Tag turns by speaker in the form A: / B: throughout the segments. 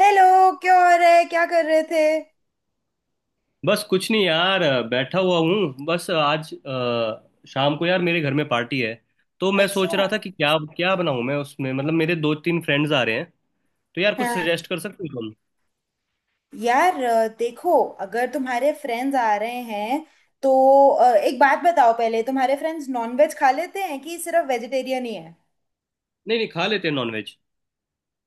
A: Hello. क्या हो रहा है? क्या कर रहे थे?
B: बस कुछ नहीं यार, बैठा हुआ हूँ। बस आज शाम को यार मेरे घर में पार्टी है। तो मैं सोच
A: अच्छा।
B: रहा था कि क्या क्या बनाऊँ मैं उसमें, मतलब मेरे दो तीन फ्रेंड्स आ रहे हैं। तो यार कुछ
A: हाँ।
B: सजेस्ट कर सकते हो तुम?
A: यार देखो। अगर तुम्हारे फ्रेंड्स आ रहे हैं तो एक बात बताओ, पहले तुम्हारे फ्रेंड्स नॉनवेज खा लेते हैं कि सिर्फ वेजिटेरियन ही है?
B: नहीं नहीं, खा लेते हैं नॉनवेज।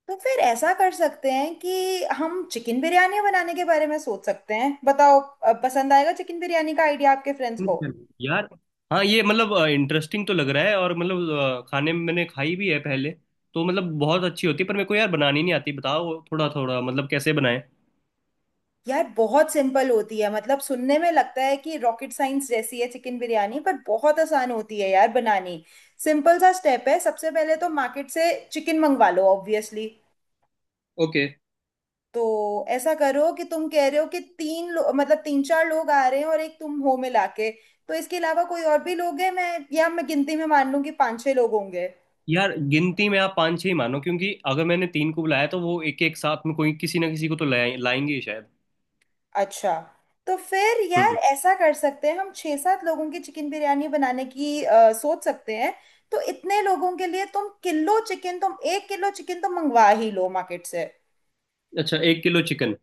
A: तो फिर ऐसा कर सकते हैं कि हम चिकन बिरयानी बनाने के बारे में सोच सकते हैं। बताओ पसंद आएगा चिकन बिरयानी का आइडिया आपके फ्रेंड्स को?
B: यार, हाँ, ये मतलब इंटरेस्टिंग तो लग रहा है। और मतलब खाने में मैंने खाई भी है पहले, तो मतलब बहुत अच्छी होती है, पर मेरे को यार बनानी नहीं आती। बताओ थोड़ा थोड़ा मतलब कैसे बनाएं।
A: यार बहुत सिंपल होती है। मतलब सुनने में लगता है कि रॉकेट साइंस जैसी है चिकन बिरयानी, पर बहुत आसान होती है यार बनानी। सिंपल सा स्टेप है। सबसे पहले तो मार्केट से चिकन मंगवा लो ऑब्वियसली।
B: ओके।
A: तो ऐसा करो, कि तुम कह रहे हो कि मतलब तीन चार लोग आ रहे हैं और एक तुम हो मिला के। तो इसके अलावा कोई और भी लोग हैं? मैं या मैं गिनती में मान लूं कि पाँच छह लोग होंगे?
B: यार गिनती में आप पाँच छह ही मानो, क्योंकि अगर मैंने तीन को बुलाया तो वो एक एक साथ में कोई किसी ना किसी को तो लाएंगे ही शायद।
A: अच्छा। तो फिर यार
B: हम्म।
A: ऐसा कर सकते हैं हम छह सात लोगों की चिकन बिरयानी बनाने की सोच सकते हैं। तो इतने लोगों के लिए तुम 1 किलो चिकन तो मंगवा ही लो मार्केट से।
B: अच्छा, एक किलो चिकन।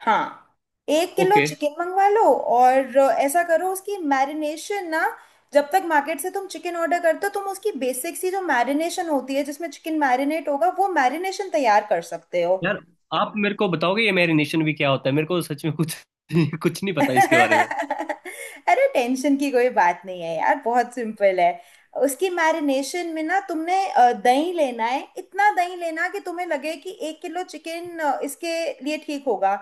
A: हाँ। एक किलो
B: ओके।
A: चिकन मंगवा लो, और ऐसा करो उसकी मैरिनेशन ना। जब तक मार्केट से तुम चिकन ऑर्डर करते हो, तुम उसकी बेसिक सी जो मैरिनेशन होती है, जिसमें चिकन मैरिनेट होगा, वो मैरिनेशन तैयार कर सकते हो।
B: यार, आप मेरे को बताओगे ये मैरिनेशन भी क्या होता है? मेरे को सच में कुछ कुछ नहीं पता इसके बारे में।
A: अरे टेंशन की कोई बात नहीं है यार, बहुत सिंपल है। उसकी मैरिनेशन में ना तुमने दही लेना है। इतना दही लेना कि तुम्हें लगे कि 1 किलो चिकन इसके लिए ठीक होगा।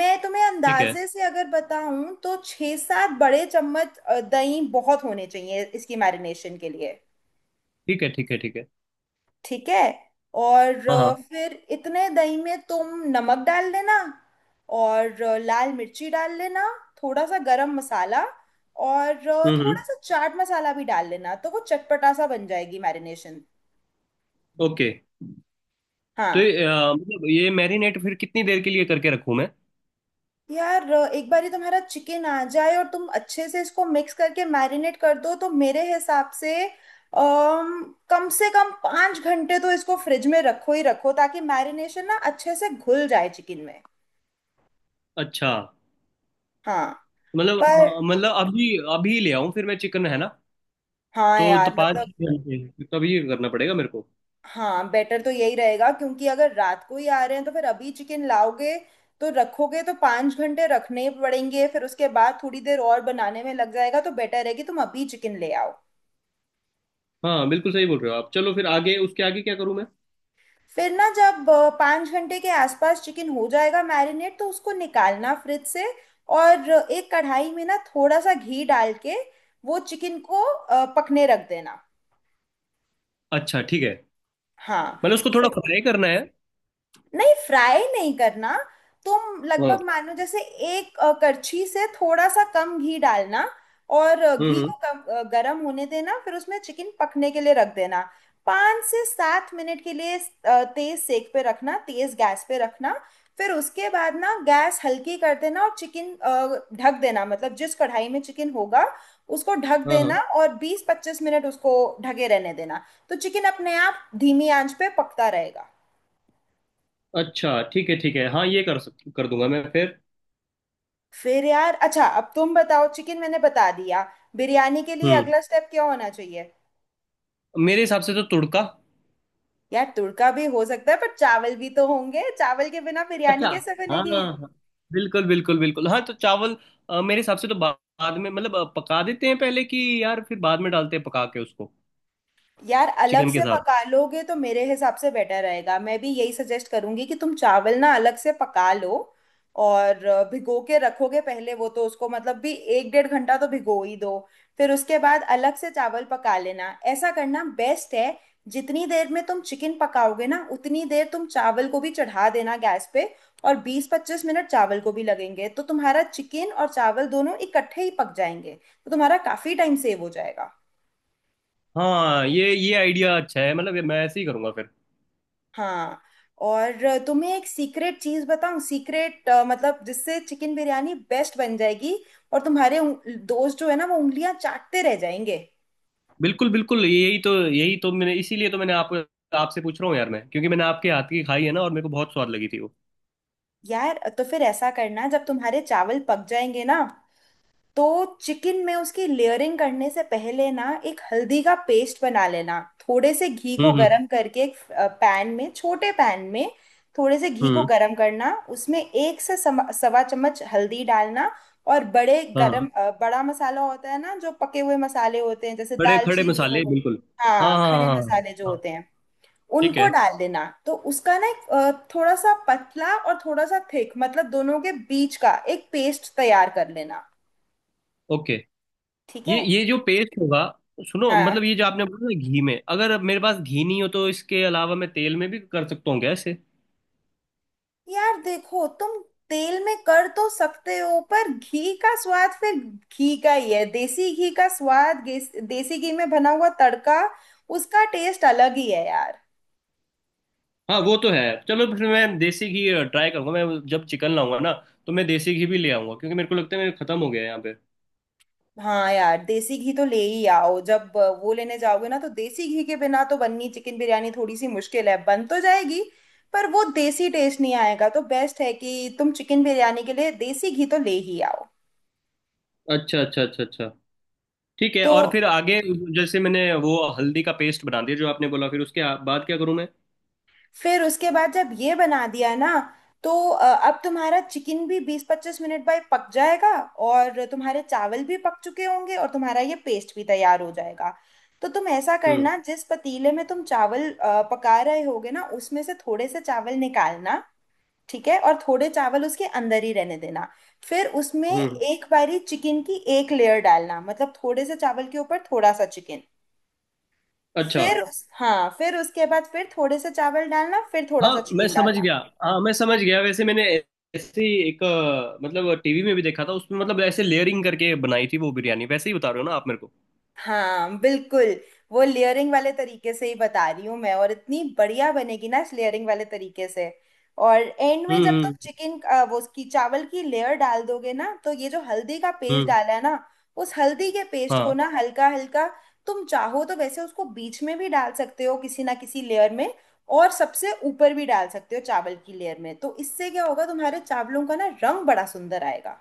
A: मैं तुम्हें
B: ठीक है,
A: अंदाजे से अगर बताऊं तो 6-7 बड़े चम्मच दही बहुत होने चाहिए इसकी मैरिनेशन के लिए।
B: ठीक है, ठीक है। ठीक है।
A: ठीक है। और
B: हाँ, हाँ।
A: फिर इतने दही में तुम नमक डाल देना, और लाल मिर्ची डाल लेना, थोड़ा सा गरम मसाला, और
B: हम्म,
A: थोड़ा
B: हम्म।
A: सा चाट मसाला भी डाल लेना। तो वो चटपटा सा बन जाएगी मैरिनेशन।
B: ओके। तो
A: हाँ।
B: मतलब ये मैरिनेट फिर कितनी देर के लिए करके रखूँ मैं?
A: यार एक बार ही तुम्हारा चिकन आ जाए और तुम अच्छे से इसको मिक्स करके मैरिनेट कर दो, तो मेरे हिसाब से अम, कम से कम 5 घंटे तो इसको फ्रिज में रखो ही रखो, ताकि मैरिनेशन ना अच्छे से घुल जाए चिकन में।
B: अच्छा।
A: हाँ। पर
B: मतलब अभी अभी ले आऊँ फिर मैं चिकन, है ना?
A: हाँ
B: तो
A: यार
B: पाँच
A: मतलब।
B: घंटे तभी ये करना पड़ेगा मेरे को।
A: हाँ, बेटर तो यही रहेगा, क्योंकि अगर रात को ही आ रहे हैं तो फिर अभी चिकन लाओगे, तो रखोगे तो 5 घंटे रखने पड़ेंगे, फिर उसके बाद थोड़ी देर और बनाने में लग जाएगा, तो बेटर है कि तुम अभी चिकन ले आओ।
B: हाँ बिल्कुल सही बोल रहे हो आप। चलो फिर आगे उसके आगे क्या करूँ मैं?
A: फिर ना जब 5 घंटे के आसपास चिकन हो जाएगा मैरिनेट, तो उसको निकालना फ्रिज से, और एक कढ़ाई में ना थोड़ा सा घी डाल के वो चिकन को पकने रख देना।
B: अच्छा ठीक है।
A: हाँ।
B: मैंने उसको थोड़ा फ्राई करना है?
A: नहीं फ्राई नहीं करना। तुम
B: हाँ।
A: लगभग मानो जैसे एक करछी से थोड़ा सा कम घी डालना, और
B: हम्म,
A: घी को कम गर्म होने देना, फिर उसमें चिकन पकने के लिए रख देना 5 से 7 मिनट के लिए। तेज सेक पे रखना, तेज गैस पे रखना। फिर उसके बाद ना गैस हल्की कर देना, और चिकन ढक देना, मतलब जिस कढ़ाई में चिकन होगा उसको ढक
B: हाँ,
A: देना,
B: हाँ।
A: और 20-25 मिनट उसको ढके रहने देना। तो चिकन अपने आप धीमी आंच पे पकता रहेगा।
B: अच्छा ठीक है, ठीक है। हाँ ये कर दूंगा मैं फिर।
A: फिर यार, अच्छा अब तुम बताओ, चिकन मैंने बता दिया, बिरयानी के लिए
B: हम्म।
A: अगला स्टेप क्या होना चाहिए?
B: मेरे हिसाब से तो तुड़का।
A: यार तुड़का भी हो सकता है, पर चावल भी तो होंगे, चावल के बिना बिरयानी
B: अच्छा।
A: कैसे
B: हाँ,
A: बनेगी?
B: हाँ, हाँ। बिल्कुल बिल्कुल बिल्कुल, हाँ, तो चावल मेरे हिसाब से तो बाद में, मतलब पका देते हैं पहले कि, यार फिर बाद में डालते हैं पका के उसको।
A: यार अलग
B: चिकन के
A: से
B: साथ।
A: पका लोगे तो मेरे हिसाब से बेटर रहेगा। मैं भी यही सजेस्ट करूंगी कि तुम चावल ना अलग से पका लो, और भिगो के रखोगे पहले वो, तो उसको मतलब भी 1-1.5 घंटा तो भिगो ही दो। फिर उसके बाद अलग से चावल पका लेना, ऐसा करना बेस्ट है। जितनी देर में तुम चिकन पकाओगे ना, उतनी देर तुम चावल को भी चढ़ा देना गैस पे। और 20-25 मिनट चावल को भी लगेंगे, तो तुम्हारा चिकन और चावल दोनों इकट्ठे ही पक जाएंगे, तो तुम्हारा काफी टाइम सेव हो जाएगा।
B: हाँ, ये आइडिया अच्छा है, मतलब ये मैं ऐसे ही करूंगा फिर।
A: हाँ। और तुम्हें एक सीक्रेट चीज बताऊं? सीक्रेट मतलब जिससे चिकन बिरयानी बेस्ट बन जाएगी, और तुम्हारे दोस्त जो है ना वो उंगलियां चाटते रह जाएंगे।
B: बिल्कुल बिल्कुल, यही तो मैंने इसीलिए तो मैंने आपको आपसे पूछ रहा हूँ यार मैं, क्योंकि मैंने आपके हाथ की खाई है ना, और मेरे को बहुत स्वाद लगी थी वो।
A: यार तो फिर ऐसा करना, जब तुम्हारे चावल पक जाएंगे ना तो चिकन में उसकी लेयरिंग करने से पहले ना एक हल्दी का पेस्ट बना लेना। थोड़े से घी
B: हम्म,
A: को
B: हम्म।
A: गरम करके एक पैन में, छोटे पैन में थोड़े से घी को
B: हम्म।
A: गरम करना, उसमें एक से 1.25 चम्मच हल्दी डालना। और बड़े
B: हाँ,
A: गरम
B: हाँ।
A: बड़ा मसाला होता है ना, जो पके हुए मसाले होते हैं जैसे
B: खड़े खड़े
A: दालचीनी हो
B: मसाले,
A: गई।
B: बिल्कुल। हाँ,
A: हाँ,
B: हाँ,
A: खड़े
B: हाँ, हाँ।
A: मसाले जो
B: हाँ।
A: होते हैं,
B: ठीक
A: उनको
B: है।
A: डाल देना। तो उसका ना एक थोड़ा सा पतला और थोड़ा सा थिक, मतलब दोनों के बीच का एक पेस्ट तैयार कर लेना।
B: ओके।
A: ठीक
B: ये
A: है।
B: ये जो पेस्ट होगा, सुनो,
A: हाँ।
B: मतलब ये जो आपने बोला ना, घी में, अगर मेरे पास घी नहीं हो तो इसके अलावा मैं तेल में भी कर सकता हूँ क्या ऐसे?
A: यार देखो तुम, तेल में कर तो सकते हो पर घी का स्वाद फिर घी का ही है। देसी घी का स्वाद देसी घी में बना हुआ तड़का, उसका टेस्ट अलग ही है यार।
B: हाँ वो तो है। चलो फिर मैं देसी घी ट्राई करूंगा। मैं जब चिकन लाऊंगा ना, तो मैं देसी घी भी ले आऊंगा, क्योंकि मेरे को लगता है मेरे खत्म हो गया है यहाँ पे।
A: हाँ, यार देसी घी तो ले ही आओ। जब वो लेने जाओगे ना तो देसी घी के बिना तो बननी चिकन बिरयानी थोड़ी सी मुश्किल है, बन तो जाएगी पर वो देसी टेस्ट नहीं आएगा, तो बेस्ट है कि तुम चिकन बिरयानी के लिए देसी घी तो ले ही आओ।
B: अच्छा, अच्छा, अच्छा, अच्छा। ठीक है,
A: तो
B: और फिर आगे? जैसे मैंने वो हल्दी का पेस्ट बना दिया जो आपने बोला, फिर उसके बाद क्या करूं मैं?
A: फिर उसके बाद जब ये बना दिया ना, तो अब तुम्हारा चिकन भी 20-25 मिनट बाद पक जाएगा, और तुम्हारे चावल भी पक चुके होंगे, और तुम्हारा ये पेस्ट भी तैयार हो जाएगा। तो तुम ऐसा
B: हम्म,
A: करना, जिस पतीले में तुम चावल पका रहे होगे ना, उसमें से थोड़े से चावल निकालना। ठीक है। और थोड़े चावल उसके अंदर ही रहने देना। फिर उसमें
B: हम्म।
A: एक बारी चिकन की एक लेयर डालना, मतलब थोड़े से चावल के ऊपर थोड़ा सा चिकन।
B: अच्छा।
A: फिर हाँ, फिर उसके बाद फिर थोड़े से चावल डालना, फिर थोड़ा सा
B: हाँ, मैं
A: चिकन
B: समझ
A: डालना।
B: गया। हाँ, मैं समझ गया, वैसे मैंने ऐसे ही एक मतलब टीवी में भी देखा था, उसमें मतलब ऐसे लेयरिंग करके बनाई थी वो बिरयानी। वैसे ही बता रहे हो ना आप मेरे को?
A: हाँ बिल्कुल। वो लेयरिंग वाले तरीके से ही बता रही हूँ मैं, और इतनी बढ़िया बनेगी ना इस लेयरिंग वाले तरीके से। और एंड में
B: हम्म,
A: जब तुम
B: हम्म।
A: चिकन वो उसकी चावल की लेयर डाल दोगे ना, तो ये जो हल्दी का पेस्ट
B: हम्म,
A: डाला है ना, उस हल्दी के पेस्ट को
B: हाँ।
A: ना हल्का हल्का, तुम चाहो तो वैसे उसको बीच में भी डाल सकते हो किसी ना किसी लेयर में, और सबसे ऊपर भी डाल सकते हो चावल की लेयर में। तो इससे क्या होगा, तुम्हारे चावलों का ना रंग बड़ा सुंदर आएगा।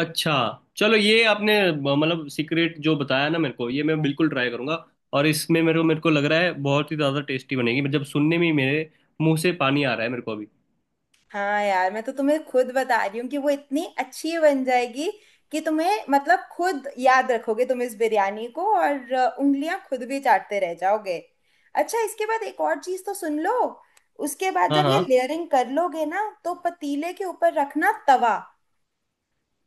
B: अच्छा। चलो ये आपने मतलब सीक्रेट जो बताया ना मेरे को, ये मैं बिल्कुल ट्राई करूंगा। और इसमें मेरे को लग रहा है बहुत ही ज़्यादा टेस्टी बनेगी। जब सुनने में ही मेरे मुंह से पानी आ रहा है मेरे को अभी।
A: हाँ यार, मैं तो तुम्हें खुद बता रही हूँ कि वो इतनी अच्छी बन जाएगी, कि तुम्हें मतलब खुद याद रखोगे तुम इस बिरयानी को, और उंगलियां खुद भी चाटते रह जाओगे। अच्छा, इसके बाद एक और चीज तो सुन लो। उसके बाद
B: हाँ,
A: जब ये
B: हाँ।
A: लेयरिंग कर लोगे ना, तो पतीले के ऊपर रखना तवा।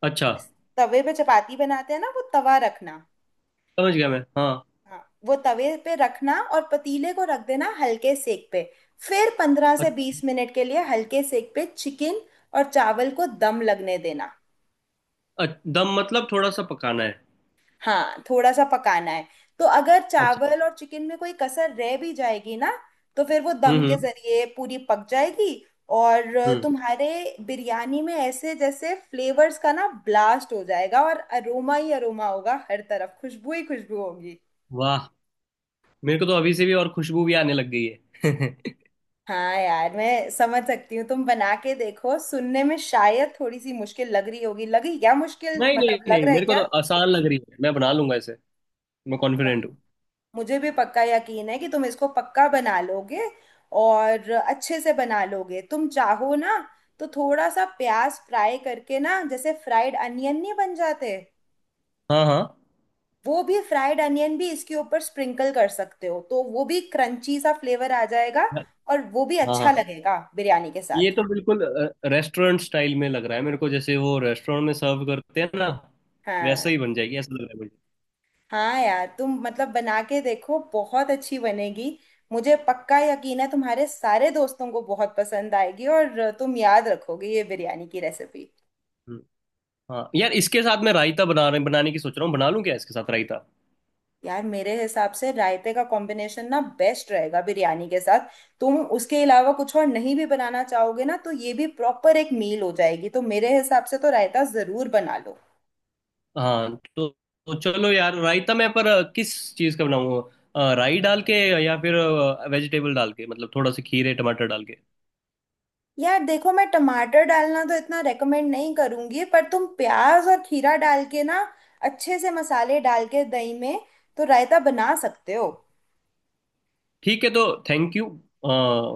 B: अच्छा।
A: तवे पे चपाती बनाते हैं ना, वो तवा रखना।
B: समझ गया मैं, हाँ।
A: हाँ। वो तवे पे रखना और पतीले को रख देना हल्के सेक पे, फिर पंद्रह से
B: अ-
A: बीस मिनट के लिए हल्के सेक पे चिकन और चावल को दम लगने देना।
B: अ- दम मतलब थोड़ा सा पकाना है?
A: हाँ, थोड़ा सा पकाना है। तो अगर
B: अच्छा।
A: चावल और चिकन में कोई कसर रह भी जाएगी ना, तो फिर वो दम
B: हम्म,
A: के
B: हम्म।
A: जरिए पूरी पक जाएगी। और
B: हम्म।
A: तुम्हारे बिरयानी में ऐसे जैसे फ्लेवर्स का ना ब्लास्ट हो जाएगा, और अरोमा ही अरोमा होगा, हर तरफ खुशबू ही खुशबू होगी।
B: वाह। मेरे को तो अभी से भी और खुशबू भी आने लग गई है
A: हाँ यार मैं समझ सकती हूँ। तुम बना के देखो, सुनने में शायद थोड़ी सी मुश्किल लग रही होगी, लगी क्या मुश्किल,
B: नहीं नहीं
A: मतलब लग
B: नहीं,
A: रहा है
B: मेरे को
A: क्या?
B: तो आसान लग रही है, मैं बना लूंगा इसे। मैं कॉन्फिडेंट हूँ।
A: मुझे भी पक्का यकीन है कि तुम इसको पक्का बना लोगे, और अच्छे से बना लोगे। तुम चाहो ना तो थोड़ा सा प्याज फ्राई करके ना, जैसे फ्राइड अनियन नहीं बन जाते,
B: हाँ, हाँ।
A: वो भी फ्राइड अनियन भी इसके ऊपर स्प्रिंकल कर सकते हो, तो वो भी क्रंची सा फ्लेवर आ जाएगा, और वो भी
B: हाँ,
A: अच्छा
B: हाँ।
A: लगेगा बिरयानी के
B: ये
A: साथ।
B: तो बिल्कुल रेस्टोरेंट स्टाइल में लग रहा है मेरे को, जैसे वो रेस्टोरेंट में सर्व करते हैं ना, वैसा
A: हाँ
B: ही बन जाएगी ऐसा लग रहा है मुझे।
A: हाँ। यार तुम मतलब बना के देखो, बहुत अच्छी बनेगी। मुझे पक्का यकीन है, तुम्हारे सारे दोस्तों को बहुत पसंद आएगी, और तुम याद रखोगे ये बिरयानी की रेसिपी।
B: हम्म। हाँ यार, इसके साथ मैं रायता बनाने की सोच रहा हूँ। बना लूँ क्या इसके साथ रायता?
A: यार मेरे हिसाब से रायते का कॉम्बिनेशन ना बेस्ट रहेगा बिरयानी के साथ। तुम उसके अलावा कुछ और नहीं भी बनाना चाहोगे ना, तो ये भी प्रॉपर एक मील हो जाएगी, तो मेरे हिसाब से तो रायता जरूर बना लो।
B: हाँ, तो चलो यार रायता, मैं पर किस चीज़ का बनाऊँ? राई डाल के, या फिर वेजिटेबल डाल के, मतलब थोड़ा सा खीरे टमाटर डाल के।
A: यार देखो, मैं टमाटर डालना तो इतना रेकमेंड नहीं करूंगी, पर तुम प्याज और खीरा डाल के ना अच्छे से मसाले डाल के दही में, तो रायता बना सकते हो।
B: ठीक है। तो थैंक यू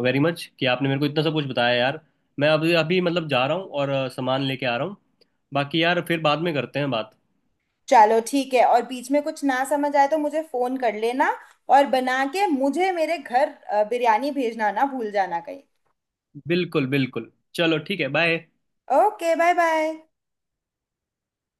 B: वेरी मच कि आपने मेरे को इतना सब कुछ बताया यार। मैं अभी अभी मतलब जा रहा हूँ और सामान लेके आ रहा हूँ। बाकी यार फिर बाद में करते हैं बात।
A: चलो ठीक है, और बीच में कुछ ना समझ आए तो मुझे फोन कर लेना, और बना के मुझे मेरे घर बिरयानी भेजना ना भूल जाना कहीं।
B: बिल्कुल बिल्कुल, चलो ठीक है, बाय।
A: ओके। Bye bye.